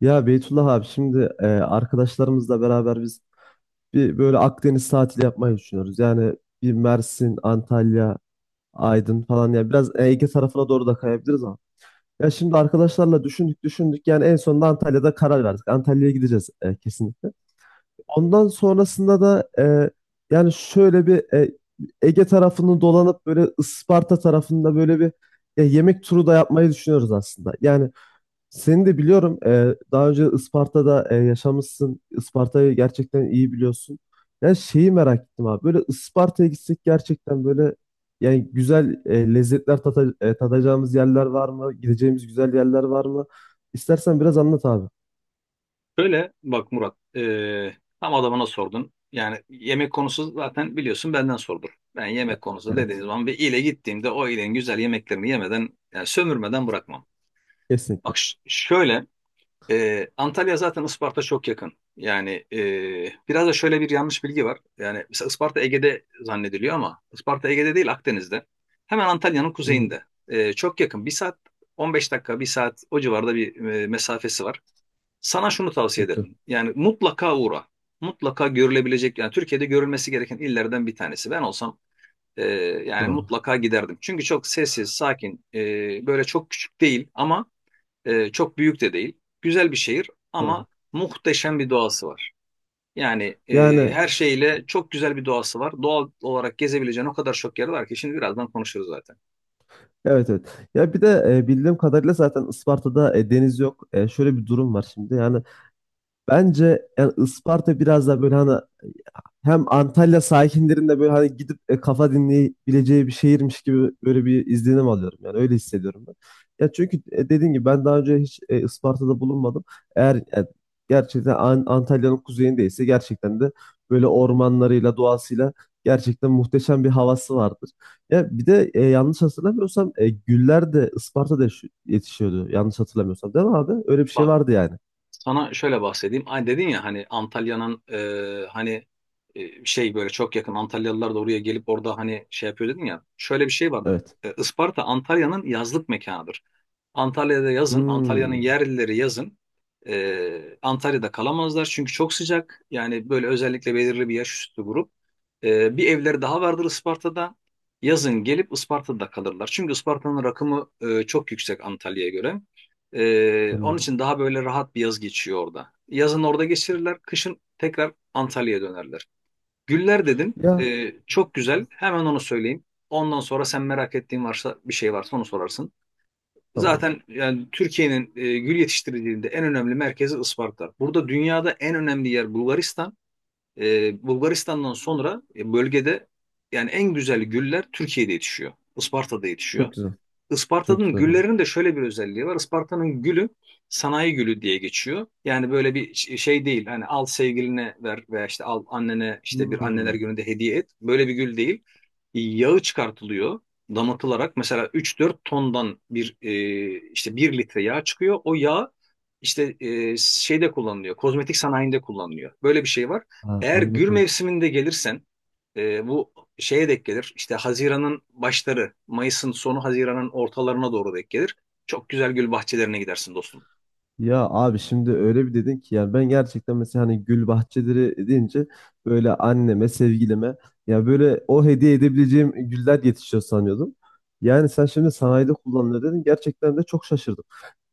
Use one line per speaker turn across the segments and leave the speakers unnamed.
Ya Beytullah abi şimdi arkadaşlarımızla beraber biz bir böyle Akdeniz tatili yapmayı düşünüyoruz. Yani bir Mersin, Antalya, Aydın falan ya biraz Ege tarafına doğru da kayabiliriz ama. Ya şimdi arkadaşlarla düşündük yani en sonunda Antalya'da karar verdik. Antalya'ya gideceğiz kesinlikle. Ondan sonrasında da yani şöyle bir Ege tarafını dolanıp böyle Isparta tarafında böyle bir yemek turu da yapmayı düşünüyoruz aslında. Yani seni de biliyorum. Daha önce Isparta'da yaşamışsın. Isparta'yı gerçekten iyi biliyorsun. Yani şeyi merak ettim abi. Böyle Isparta'ya gitsek gerçekten böyle yani güzel lezzetler tadacağımız yerler var mı? Gideceğimiz güzel yerler var mı? İstersen biraz anlat abi.
Şöyle bak Murat, tam adamına sordun. Yani yemek konusu zaten biliyorsun benden sordur. Ben yemek konusu dediğiniz
Evet.
zaman bir ile gittiğimde o ilenin güzel yemeklerini yemeden, yani sömürmeden bırakmam.
Kesinlikle.
Bak şöyle, Antalya zaten Isparta çok yakın. Yani biraz da şöyle bir yanlış bilgi var. Yani mesela Isparta Ege'de zannediliyor ama Isparta Ege'de değil Akdeniz'de. Hemen Antalya'nın
Hı,
kuzeyinde. Çok yakın. Bir saat 15 dakika, bir saat o civarda bir mesafesi var. Sana şunu tavsiye
çok güzel.
ederim. Yani mutlaka uğra. Mutlaka görülebilecek yani Türkiye'de görülmesi gereken illerden bir tanesi. Ben olsam e, yani
Doğru.
mutlaka giderdim. Çünkü çok sessiz, sakin, böyle çok küçük değil ama çok büyük de değil. Güzel bir şehir ama
Doğru.
muhteşem bir doğası var. Yani
Yani,
her şeyle çok güzel bir doğası var. Doğal olarak gezebileceğin o kadar çok yer var ki şimdi birazdan konuşuruz zaten.
evet, evet. Ya bir de bildiğim kadarıyla zaten Isparta'da deniz yok. E, şöyle bir durum var şimdi. Yani bence yani Isparta biraz da böyle hani hem Antalya sakinlerin böyle hani gidip kafa dinleyebileceği bir şehirmiş gibi böyle bir izlenim alıyorum. Yani öyle hissediyorum ben. Ya çünkü dediğim gibi ben daha önce hiç Isparta'da bulunmadım. Eğer gerçekten Antalya'nın kuzeyindeyse gerçekten de böyle ormanlarıyla, doğasıyla gerçekten muhteşem bir havası vardır. Ya bir de yanlış hatırlamıyorsam güller de Isparta'da yetişiyordu. Yanlış hatırlamıyorsam değil mi abi? Öyle bir şey
Bak,
vardı yani.
sana şöyle bahsedeyim. Ay dedin ya hani Antalya'nın hani şey böyle çok yakın Antalyalılar da oraya gelip orada hani şey yapıyor dedin ya. Şöyle bir şey vardır.
Evet.
Isparta Antalya'nın yazlık mekanıdır. Antalya'da yazın, Antalya'nın
Hmm,
yerlileri yazın. Antalya'da kalamazlar çünkü çok sıcak. Yani böyle özellikle belirli bir yaş üstü grup. Bir evleri daha vardır Isparta'da. Yazın gelip Isparta'da kalırlar. Çünkü Isparta'nın rakımı çok yüksek Antalya'ya göre. Onun
anladım.
için daha böyle rahat bir yaz geçiyor orada. Yazın orada geçirirler, kışın tekrar Antalya'ya dönerler. Güller dedin.
Ya,
Çok güzel. Hemen onu söyleyeyim. Ondan sonra sen merak ettiğin varsa bir şey varsa onu sorarsın.
tamam.
Zaten yani Türkiye'nin gül yetiştiriciliğinde en önemli merkezi Isparta. Burada dünyada en önemli yer Bulgaristan. Bulgaristan'dan sonra bölgede yani en güzel güller Türkiye'de yetişiyor. Isparta'da yetişiyor.
Çok güzel. Çok
Isparta'nın
güzel abi.
güllerinin de şöyle bir özelliği var. Isparta'nın gülü sanayi gülü diye geçiyor. Yani böyle bir şey değil. Hani al sevgiline ver veya işte al annene işte bir anneler
Hmm.
gününde hediye et. Böyle bir gül değil. Yağı çıkartılıyor damatılarak. Mesela 3-4 tondan bir işte bir litre yağ çıkıyor. O yağ işte şeyde kullanılıyor. Kozmetik sanayinde kullanılıyor. Böyle bir şey var.
Ha,
Eğer gül
anladım.
mevsiminde gelirsen bu şeye denk gelir. İşte Haziran'ın başları, Mayıs'ın sonu, Haziran'ın ortalarına doğru denk gelir. Çok güzel gül bahçelerine gidersin dostum.
Ya abi şimdi öyle bir dedin ki yani ben gerçekten mesela hani gül bahçeleri deyince böyle anneme, sevgilime ya böyle o hediye edebileceğim güller yetişiyor sanıyordum. Yani sen şimdi sanayide kullanılıyor dedin. Gerçekten de çok şaşırdım.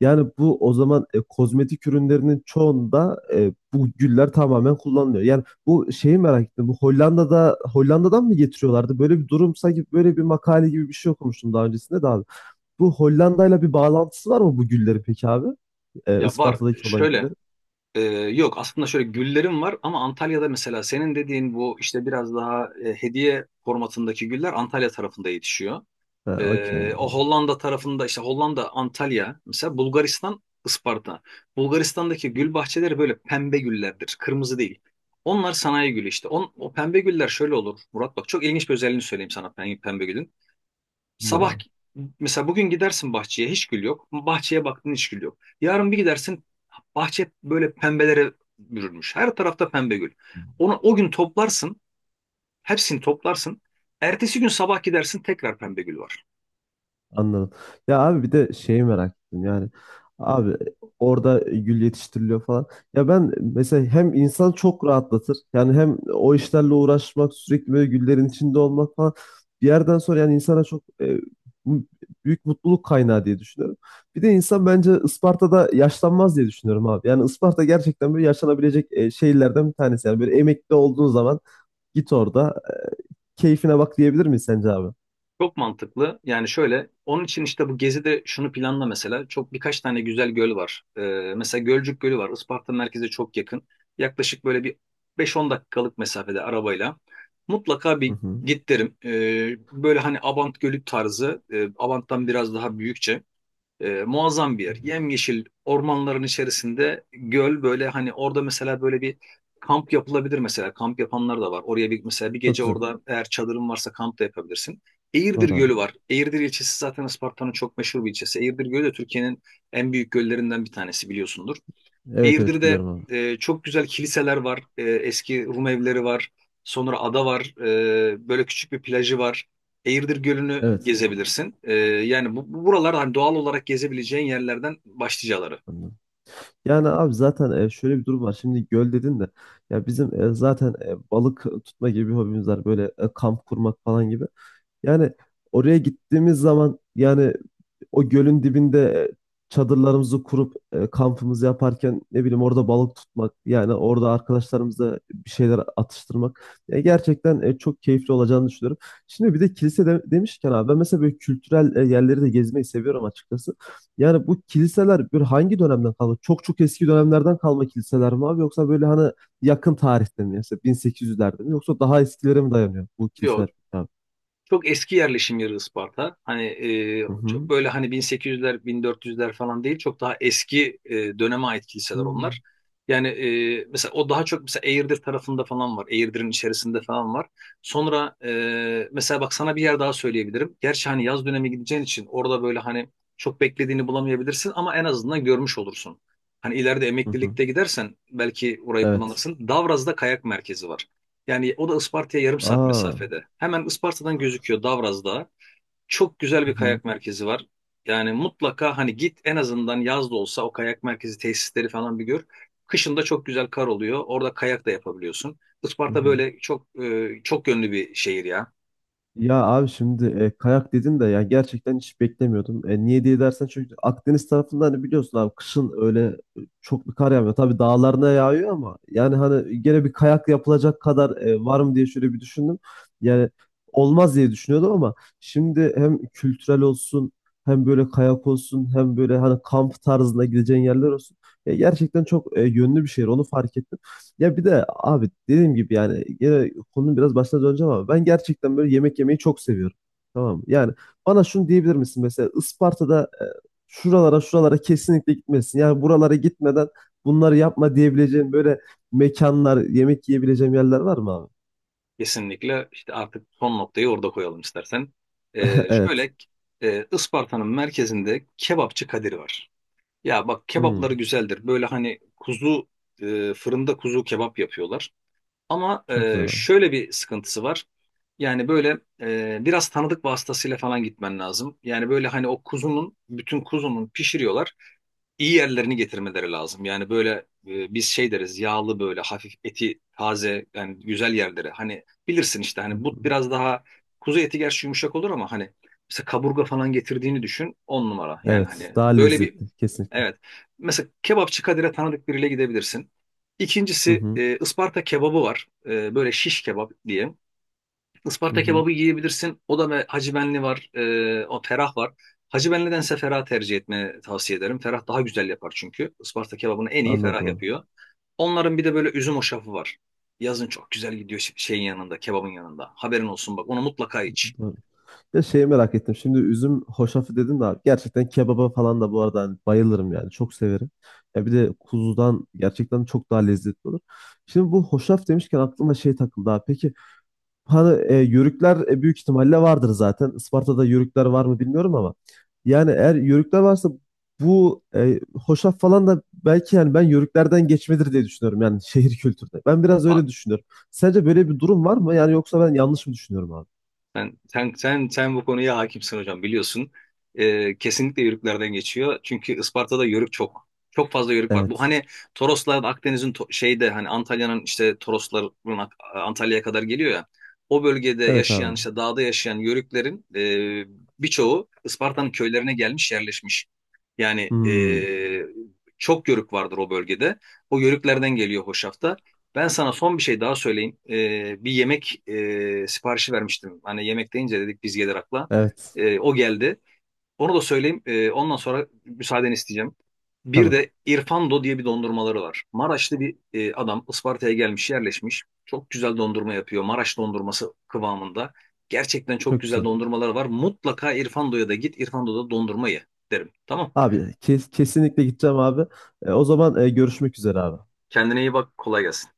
Yani bu o zaman kozmetik ürünlerinin çoğunda bu güller tamamen kullanılıyor. Yani bu şeyi merak ettim. Bu Hollanda'da Hollanda'dan mı getiriyorlardı? Böyle bir durum sanki böyle bir makale gibi bir şey okumuştum daha öncesinde de abi. Bu Hollanda'yla bir bağlantısı var mı bu güllerin peki abi?
Ya var
Isparta'daki olan
şöyle
güllerin.
yok aslında şöyle güllerim var ama Antalya'da mesela senin dediğin bu işte biraz daha hediye formatındaki güller Antalya tarafında yetişiyor.
Ha, okey.
O Hollanda tarafında işte Hollanda, Antalya, mesela Bulgaristan, Isparta. Bulgaristan'daki gül bahçeleri böyle pembe güllerdir, kırmızı değil. Onlar sanayi gülü işte. O pembe güller şöyle olur Murat, bak çok ilginç bir özelliğini söyleyeyim sana pembe, pembe gülün. Sabah
Bilmiyorum.
mesela bugün gidersin bahçeye hiç gül yok. Bahçeye baktın hiç gül yok. Yarın bir gidersin bahçe böyle pembelere bürünmüş. Her tarafta pembe gül. Onu o gün toplarsın, hepsini toplarsın. Ertesi gün sabah gidersin tekrar pembe gül var.
Anladım. Ya abi bir de şeyi merak ettim yani. Abi orada gül yetiştiriliyor falan. Ya ben mesela hem insan çok rahatlatır. Yani hem o işlerle uğraşmak, sürekli böyle güllerin içinde olmak falan. Bir yerden sonra yani insana çok bu- büyük mutluluk kaynağı diye düşünüyorum. Bir de insan bence Isparta'da yaşlanmaz diye düşünüyorum abi. Yani Isparta gerçekten böyle yaşanabilecek şehirlerden bir tanesi. Yani böyle emekli olduğun zaman git orada keyfine bak diyebilir miyiz sence abi?
Çok mantıklı. Yani şöyle, onun için işte bu gezide şunu planla mesela. Çok birkaç tane güzel göl var. Mesela Gölcük Gölü var. Isparta merkeze çok yakın. Yaklaşık böyle bir 5-10 dakikalık mesafede arabayla. Mutlaka
Hı
bir
hı.
git derim. Böyle hani Abant Gölü tarzı, Abant'tan biraz daha büyükçe. Muazzam bir
Hı
yer.
hı.
Yemyeşil ormanların içerisinde göl böyle hani orada mesela böyle bir kamp yapılabilir mesela. Kamp yapanlar da var. Oraya bir mesela bir
Çok
gece
güzel.
orada eğer çadırın varsa kamp da yapabilirsin. Eğirdir
Var
Gölü
abi.
var. Eğirdir ilçesi zaten Isparta'nın çok meşhur bir ilçesi. Eğirdir Gölü de Türkiye'nin en büyük göllerinden bir tanesi biliyorsundur.
Evet, evet
Eğirdir'de
biliyorum abi.
çok güzel kiliseler var. Eski Rum evleri var. Sonra ada var. Böyle küçük bir plajı var. Eğirdir Gölü'nü
Evet.
gezebilirsin. Yani bu buralar hani doğal olarak gezebileceğin yerlerden başlıcaları.
Anladım. Yani abi zaten şöyle bir durum var. Şimdi göl dedin de ya bizim balık tutma gibi bir hobimiz var. Böyle kamp kurmak falan gibi. Yani oraya gittiğimiz zaman yani o gölün dibinde e, çadırlarımızı kurup kampımızı yaparken ne bileyim orada balık tutmak yani orada arkadaşlarımızla bir şeyler atıştırmak. Gerçekten çok keyifli olacağını düşünüyorum. Şimdi bir de kilise demişken abi ben mesela böyle kültürel yerleri de gezmeyi seviyorum açıkçası. Yani bu kiliseler böyle hangi dönemden kalma? Çok çok eski dönemlerden kalma kiliseler mi abi yoksa böyle hani yakın tarihte mi? Mesela 1800'lerde mi yoksa daha eskilere mi dayanıyor bu kiliseler
Yok.
abi?
Çok eski yerleşim yeri Isparta. Hani
Hı
çok
hı.
böyle hani 1800'ler, 1400'ler falan değil. Çok daha eski döneme ait kiliseler
Hı
onlar. Yani mesela o daha çok mesela Eğirdir tarafında falan var. Eğirdir'in içerisinde falan var. Sonra mesela bak sana bir yer daha söyleyebilirim. Gerçi hani yaz dönemi gideceğin için orada böyle hani çok beklediğini bulamayabilirsin ama en azından görmüş olursun. Hani ileride
hı. Hı.
emeklilikte gidersen belki orayı
Evet.
kullanırsın. Davraz'da kayak merkezi var. Yani o da Isparta'ya yarım saat
Aa.
mesafede. Hemen Isparta'dan gözüküyor Davraz Dağı. Çok güzel
Hı
bir
hı,
kayak merkezi var. Yani mutlaka hani git en azından yaz da olsa o kayak merkezi tesisleri falan bir gör. Kışın da çok güzel kar oluyor. Orada kayak da yapabiliyorsun.
hı
Isparta
hı.
böyle çok çok yönlü bir şehir ya.
Ya abi şimdi kayak dedin de ya gerçekten hiç beklemiyordum. E, niye diye dersen çünkü Akdeniz tarafında hani biliyorsun abi kışın öyle çok bir kar yağmıyor. Tabii dağlarına yağıyor ama yani hani gene bir kayak yapılacak kadar var mı diye şöyle bir düşündüm. Yani olmaz diye düşünüyordum ama şimdi hem kültürel olsun hem böyle kayak olsun hem böyle hani kamp tarzında gideceğin yerler olsun. E, gerçekten çok yönlü bir şehir onu fark ettim. Ya bir de abi dediğim gibi yani gene konunun biraz başına döneceğim ama ben gerçekten böyle yemek yemeyi çok seviyorum. Tamam mı? Yani bana şunu diyebilir misin mesela Isparta'da şuralara şuralara kesinlikle gitmesin. Yani buralara gitmeden bunları yapma diyebileceğim böyle mekanlar, yemek yiyebileceğim yerler var mı abi?
Kesinlikle işte artık son noktayı orada koyalım istersen. E,
Evet.
şöyle e, Isparta'nın merkezinde kebapçı Kadir var. Ya bak kebapları
Hmm,
güzeldir. Böyle hani kuzu fırında kuzu kebap yapıyorlar. Ama
çok güzel abi.
şöyle bir sıkıntısı var. Yani böyle biraz tanıdık vasıtasıyla falan gitmen lazım. Yani böyle hani o kuzunun, bütün kuzunun pişiriyorlar. İyi yerlerini getirmeleri lazım. Yani böyle biz şey deriz yağlı böyle hafif eti taze yani güzel yerleri. Hani bilirsin işte
Hı
hani
hı.
but biraz daha kuzu eti gerçi yumuşak olur ama hani mesela kaburga falan getirdiğini düşün on numara. Yani
Evet,
hani
daha
böyle bir
lezzetli kesinlikle.
evet. Mesela kebapçı Kadir'e tanıdık biriyle gidebilirsin.
Hı
İkincisi
hı,
Isparta kebabı var. Böyle şiş kebap diye.
hı
Isparta
hı.
kebabı yiyebilirsin. O da ve Hacı Benli var. O Ferah var. Hacı Benli'dense Ferah tercih etmeni tavsiye ederim. Ferah daha güzel yapar çünkü. Isparta kebabını en iyi Ferah
Anladım abi.
yapıyor. Onların bir de böyle üzüm hoşafı var. Yazın çok güzel gidiyor şeyin yanında, kebabın yanında. Haberin olsun bak onu mutlaka iç.
Doğru. Ya şeyi merak ettim. Şimdi üzüm hoşafı dedin de abi. Gerçekten kebaba falan da bu arada hani bayılırım yani. Çok severim. Ya bir de kuzudan gerçekten çok daha lezzetli olur. Şimdi bu hoşaf demişken aklıma şey takıldı abi. Peki hani yörükler büyük ihtimalle vardır zaten. Isparta'da yörükler var mı bilmiyorum ama. Yani eğer yörükler varsa bu hoşaf falan da belki yani ben yörüklerden geçmedir diye düşünüyorum. Yani şehir kültürde. Ben biraz
Bak,
öyle düşünüyorum. Sence böyle bir durum var mı? Yani yoksa ben yanlış mı düşünüyorum abi?
sen bu konuya hakimsin hocam biliyorsun. Kesinlikle yörüklerden geçiyor. Çünkü Isparta'da yörük çok. Çok fazla yörük var. Bu
Evet.
hani Toroslar Akdeniz'in şeyde hani Antalya'nın işte Torosların Antalya'ya kadar geliyor ya. O bölgede
Evet
yaşayan
abi.
işte dağda yaşayan yörüklerin birçoğu Isparta'nın köylerine gelmiş yerleşmiş. Yani
Hmm,
çok yörük vardır o bölgede. O yörüklerden geliyor hoşafta. Ben sana son bir şey daha söyleyeyim. Bir yemek siparişi vermiştim. Hani yemek deyince dedik biz gelir akla.
evet.
O geldi. Onu da söyleyeyim. Ondan sonra müsaadeni isteyeceğim. Bir
Tamam.
de İrfando diye bir dondurmaları var. Maraşlı bir adam Isparta'ya gelmiş, yerleşmiş. Çok güzel dondurma yapıyor. Maraş dondurması kıvamında. Gerçekten çok
Çok
güzel
güzel.
dondurmaları var. Mutlaka İrfando'ya da git. İrfando'da dondurma ye derim. Tamam.
Abi kesinlikle gideceğim abi. E, o zaman görüşmek üzere abi.
Kendine iyi bak. Kolay gelsin.